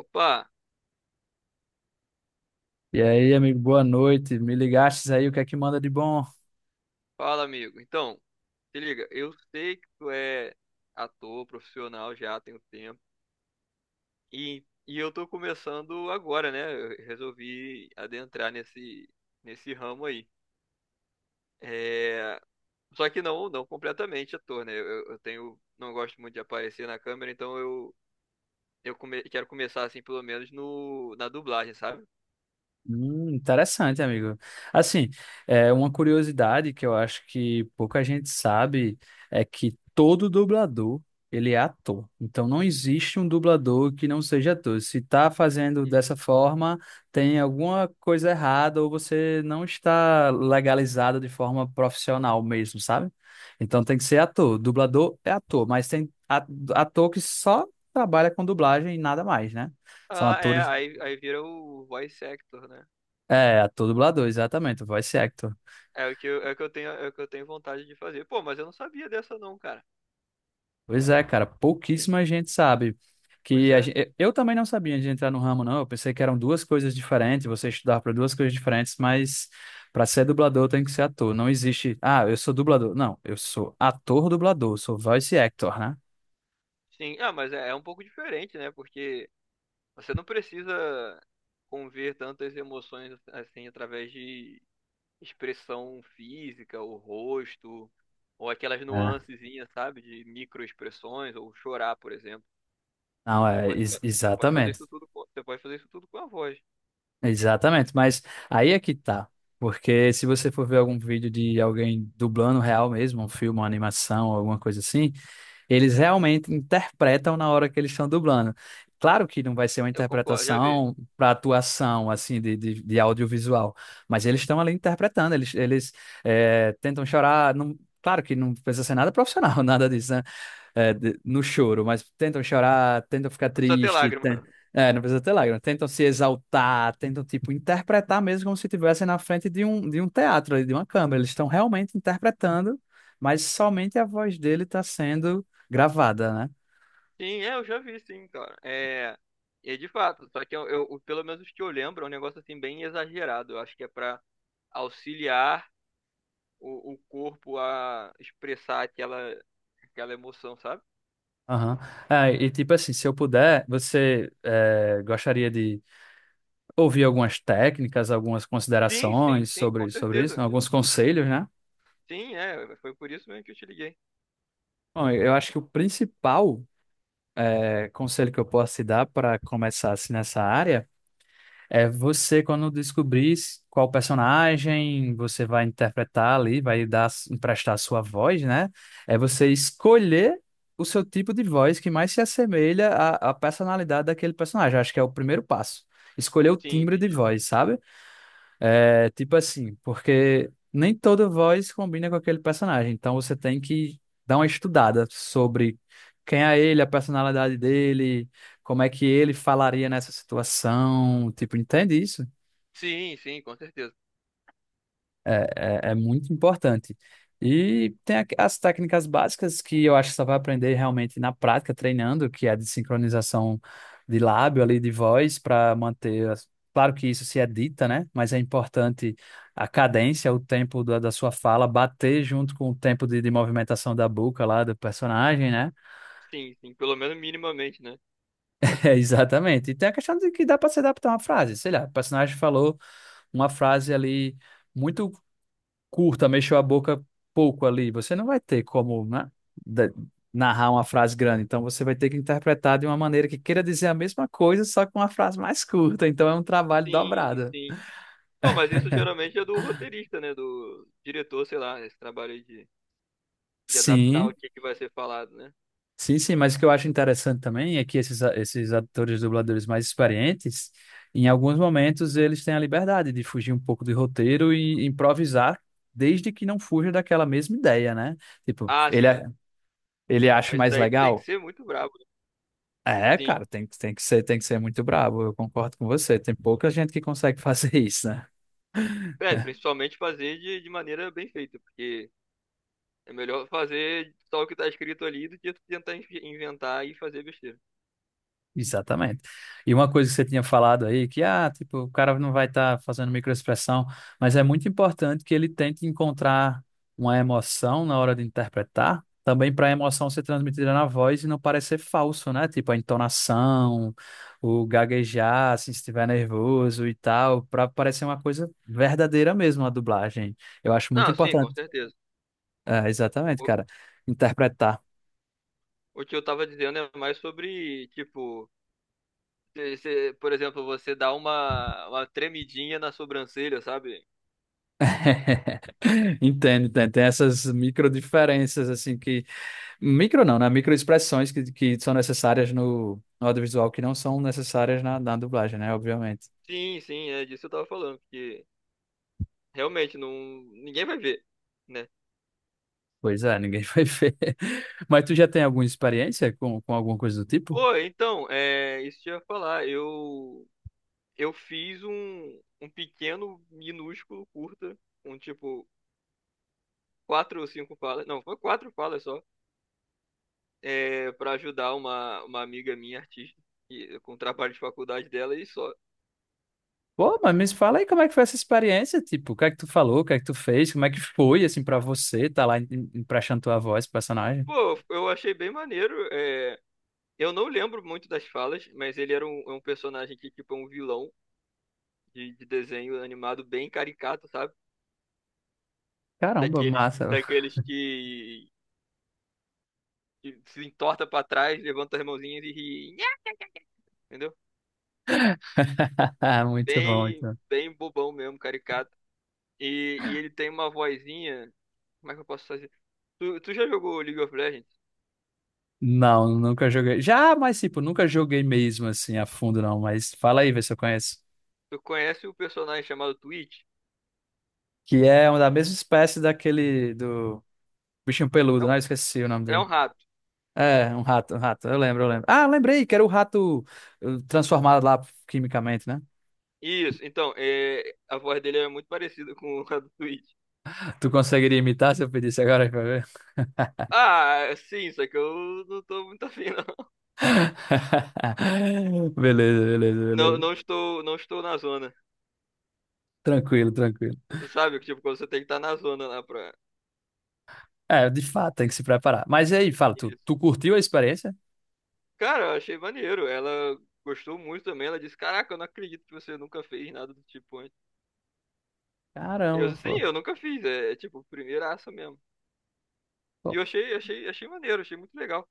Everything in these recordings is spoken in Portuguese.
Opa, E aí, amigo, boa noite. Me ligastes aí, o que é que manda de bom? fala amigo. Então, se liga, eu sei que tu é ator profissional já tem um tempo e eu tô começando agora, né? Eu resolvi adentrar nesse nesse ramo aí. É, só que não completamente ator, né? Eu tenho, não gosto muito de aparecer na câmera, então quero começar assim pelo menos no na dublagem, sabe? Interessante, amigo. Assim, é uma curiosidade que eu acho que pouca gente sabe é que todo dublador, ele é ator. Então não existe um dublador que não seja ator. Se está fazendo dessa Uhum. forma, tem alguma coisa errada ou você não está legalizado de forma profissional mesmo, sabe? Então tem que ser ator. Dublador é ator, mas tem ator que só trabalha com dublagem e nada mais, né? São Ah, é, atores, aí vira o voice actor, né? é, ator dublador, exatamente, voice actor. É o que eu, é o que eu tenho, É o que eu tenho vontade de fazer. Pô, mas eu não sabia dessa não, cara. Pois é, cara, pouquíssima gente sabe. Pois Que é. Eu também não sabia de entrar no ramo, não. Eu pensei que eram duas coisas diferentes, você estudava para duas coisas diferentes, mas para ser dublador tem que ser ator. Não existe, ah, eu sou dublador. Não, eu sou ator dublador, sou voice actor, né? Sim. Ah, mas é, é um pouco diferente, né? Porque você não precisa conver tantas emoções assim através de expressão física, o rosto, ou aquelas É. nuancezinhas, sabe? De microexpressões, ou chorar, por exemplo. Não, é, exatamente. Você pode fazer isso tudo com a voz. Exatamente, mas aí é que tá. Porque se você for ver algum vídeo de alguém dublando real mesmo, um filme, uma animação, alguma coisa assim, eles realmente interpretam na hora que eles estão dublando. Claro que não vai ser uma Eu concordo, já vê. interpretação para atuação, assim, de audiovisual, mas eles estão ali interpretando, tentam chorar. Claro que não precisa ser nada profissional, nada disso, né? É, no choro, mas tentam chorar, tentam ficar Não precisa ter triste, lágrima. é, não precisa ter lágrimas, tentam se exaltar, tentam, tipo, interpretar mesmo como se estivessem na frente de um teatro, ali, de uma câmera. Eles estão realmente interpretando, mas somente a voz dele está sendo gravada, né? Sim, é, eu já vi, sim, cara. É, é de fato, só que pelo menos os que eu lembro, é um negócio assim bem exagerado. Eu acho que é pra auxiliar o corpo a expressar aquela emoção, sabe? Aham. É, e tipo assim, se eu puder, você é, gostaria de ouvir algumas técnicas, algumas considerações Sim, com sobre, sobre isso, certeza. alguns conselhos, né? Sim, é, foi por isso mesmo que eu te liguei. Bom, eu acho que o principal é, conselho que eu posso te dar para começar assim nessa área é você, quando descobrir qual personagem você vai interpretar ali, vai dar, emprestar a sua voz, né? É você escolher o seu tipo de voz que mais se assemelha à, à personalidade daquele personagem. Acho que é o primeiro passo. Escolher o Sim, timbre de entendi. voz, sabe? É, tipo assim, porque nem toda voz combina com aquele personagem, então você tem que dar uma estudada sobre quem é ele, a personalidade dele, como é que ele falaria nessa situação, tipo, entende isso? Sim, sim, com certeza. É muito importante. E tem as técnicas básicas que eu acho que só vai aprender realmente na prática, treinando, que é de sincronização de lábio ali, de voz, para manter. Claro que isso se edita, né? Mas é importante a cadência, o tempo da sua fala bater junto com o tempo de movimentação da boca lá do personagem, né? Sim, sim, pelo menos minimamente, né? É, exatamente. E tem a questão de que dá para se adaptar a uma frase. Sei lá, o personagem falou uma frase ali. Muito curta, mexeu a boca pouco ali, você não vai ter como, né, da- narrar uma frase grande. Então você vai ter que interpretar de uma maneira que queira dizer a mesma coisa, só com uma frase mais curta. Então é um trabalho Sim, dobrado. sim. Pô, mas isso geralmente é do roteirista, né? Do diretor, sei lá, esse trabalho aí de adaptar o Sim, que que vai ser falado, né? sim. Mas o que eu acho interessante também é que esses, esses atores dubladores mais experientes, em alguns momentos, eles têm a liberdade de fugir um pouco do roteiro e improvisar. Desde que não fuja daquela mesma ideia, né? Tipo, Ah, sim. Ele Aí acha isso mais daí tu tem que legal? ser muito brabo, né? É, Sim. cara, tem que ser muito brabo, eu concordo com você. Tem pouca gente que consegue fazer isso, né? É, principalmente fazer de maneira bem feita, porque é melhor fazer só o que tá escrito ali do que tu tentar inventar e fazer besteira. Exatamente. E uma coisa que você tinha falado aí, que ah, tipo, o cara não vai estar fazendo microexpressão, mas é muito importante que ele tente encontrar uma emoção na hora de interpretar, também para a emoção ser transmitida na voz e não parecer falso, né? Tipo, a entonação, o gaguejar, assim, se estiver nervoso e tal, para parecer uma coisa verdadeira mesmo a dublagem. Eu acho muito Não, sim, com importante. certeza. É, exatamente, O, cara. Interpretar. o que eu tava dizendo é mais sobre, tipo, por exemplo, você dá uma tremidinha na sobrancelha, sabe? Entendo, entendo. Tem essas micro diferenças, assim, que. Micro não, né? Micro expressões que são necessárias no, no audiovisual, que não são necessárias na dublagem, né? Obviamente. Sim, sim, é disso que eu tava falando, porque realmente não, ninguém vai ver, né? Pois é, ninguém vai ver. Mas tu já tem alguma experiência com alguma coisa do tipo? Pô, então, é, isso que eu ia falar, eu fiz um pequeno, minúsculo, curta, com tipo quatro ou cinco falas, não, foi quatro falas só, é, para ajudar uma amiga minha, artista, e- com o trabalho de faculdade dela e só. Pô, mas me fala aí como é que foi essa experiência, tipo, o que é que tu falou, o que é que tu fez, como é que foi, assim, pra você, tá lá emprestando tua voz, pro personagem? Pô, eu achei bem maneiro. É, eu não lembro muito das falas, mas é um personagem que, tipo, é um vilão de desenho animado bem caricato, sabe? Caramba, massa. Daqueles que se entorta pra trás, levanta as mãozinhas e ri. Nhá! Entendeu? Muito bom, muito bom. Bem bobão mesmo, caricato. E ele tem uma vozinha. Como é que eu posso fazer? Tu já jogou League of Legends? Não, nunca joguei. Já, mas tipo, nunca joguei mesmo assim a fundo, não. Mas fala aí, vê se eu conheço. Tu conhece o personagem chamado Twitch? Que é uma da mesma espécie daquele do bichinho É, peludo, um- né? Eu esqueci o nome é dele. um rato. É, um rato, um rato. Eu lembro, eu lembro. Ah, eu lembrei que era o rato transformado lá quimicamente, né? Isso, então, é, a voz dele é muito parecida com a do Twitch. Tu conseguiria imitar se eu pedisse agora pra ver? Ah, sim, só que eu não tô muito afim, não. Beleza, beleza, Não, beleza. Não estou na zona. Tranquilo, tranquilo. Sabe, tipo, quando você tem que estar na zona lá pra. É, de fato, tem que se preparar. Mas e aí, fala, tu, Isso. tu curtiu a experiência? Cara, eu achei maneiro. Ela gostou muito também. Ela disse: Caraca, eu não acredito que você nunca fez nada do tipo antes. Caramba, Eu sim, pô. eu nunca fiz. É, é tipo, primeiraça mesmo. E Pô, achei maneiro, achei muito legal.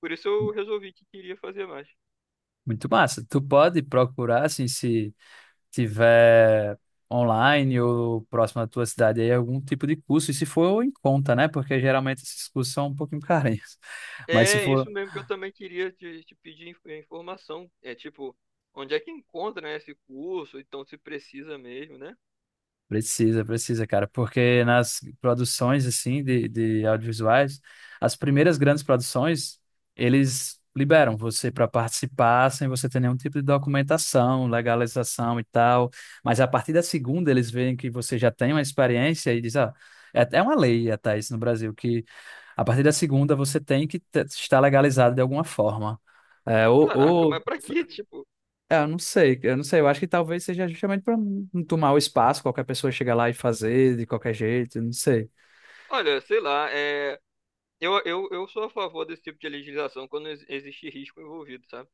Por isso eu resolvi que queria fazer mais. muito massa. Tu pode procurar, assim, se tiver online ou próximo da tua cidade aí, algum tipo de curso, e se for em conta, né? Porque geralmente esses cursos são um pouquinho carinhos. Mas se É for... isso mesmo que eu também queria te pedir informação. É tipo, onde é que encontra, né, esse curso? Então se precisa mesmo, né? Precisa, precisa, cara, porque nas produções assim de audiovisuais, as primeiras grandes produções, eles liberam você para participar sem você ter nenhum tipo de documentação, legalização e tal. Mas a partir da segunda, eles veem que você já tem uma experiência e diz, ah, é até uma lei até isso no Brasil, que a partir da segunda você tem que estar legalizado de alguma forma. É, ou, Caraca, ou mas pra quê? Tipo, é, eu não sei, eu não sei. Eu acho que talvez seja justamente para não tomar o espaço, qualquer pessoa chega lá e fazer de qualquer jeito, eu não sei. olha, sei lá, é. Eu sou a favor desse tipo de legislação quando existe risco envolvido, sabe?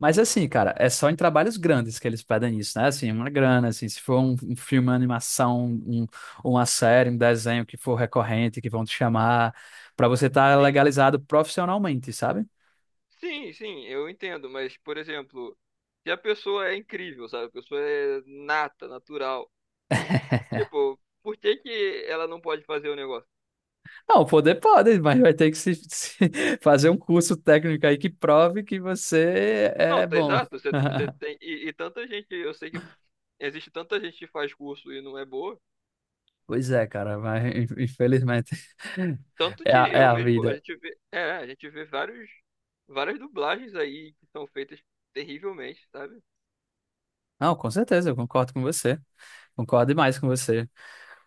Mas assim, cara, é só em trabalhos grandes que eles pedem isso, né? Assim, uma grana, assim, se for um filme, uma animação, uma série, um desenho que for recorrente, que vão te chamar, para você estar Sim, legalizado profissionalmente, sabe? sim, sim, eu entendo, mas, por exemplo, se a pessoa é incrível, sabe? A pessoa é nata, natural. E, tipo, por que que ela não pode fazer o negócio? Não, poder pode, mas vai ter que se, se fazer um curso técnico aí que prove que você Não, é tá bom. exato, você, você tem. E tanta gente, eu sei que existe tanta gente que faz curso e não é boa. Pois é, cara, mas infelizmente Tanto é de a, é eu a mesmo, vida. A gente vê vários, várias dublagens aí que são feitas terrivelmente, sabe? Não, com certeza, eu concordo com você. Concordo demais com você.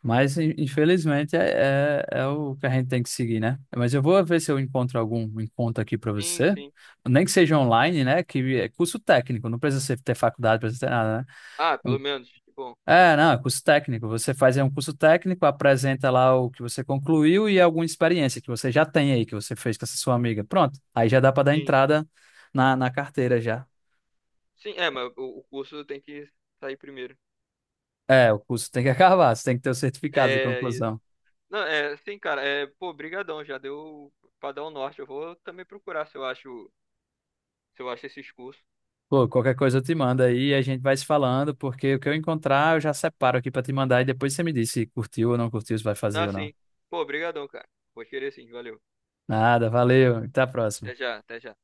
Mas infelizmente é o que a gente tem que seguir, né? Mas eu vou ver se eu encontro algum encontro aqui para Sim, você. sim. Nem que seja online, né? Que é curso técnico, não precisa ter faculdade, não precisa ter nada, né? Ah, pelo menos, bom, É, não, é curso técnico. Você faz aí um curso técnico, apresenta lá o que você concluiu e alguma experiência que você já tem aí, que você fez com essa sua amiga. Pronto, aí já dá para dar sim. entrada na carteira já. Sim, é, mas o curso tem que sair primeiro. É, o curso tem que acabar, você tem que ter o certificado de É, isso. conclusão. Não, é, sim, cara, é, pô, brigadão, já deu pra dar o norte. Eu vou também procurar se eu acho, se eu acho esses cursos. Pô, qualquer coisa eu te mando aí e a gente vai se falando, porque o que eu encontrar eu já separo aqui para te mandar e depois você me diz se curtiu ou não curtiu, se vai Não, fazer ou não. sim. Pô, brigadão, cara. Vou querer sim, valeu. Nada, valeu, até a próxima. Até já, até já.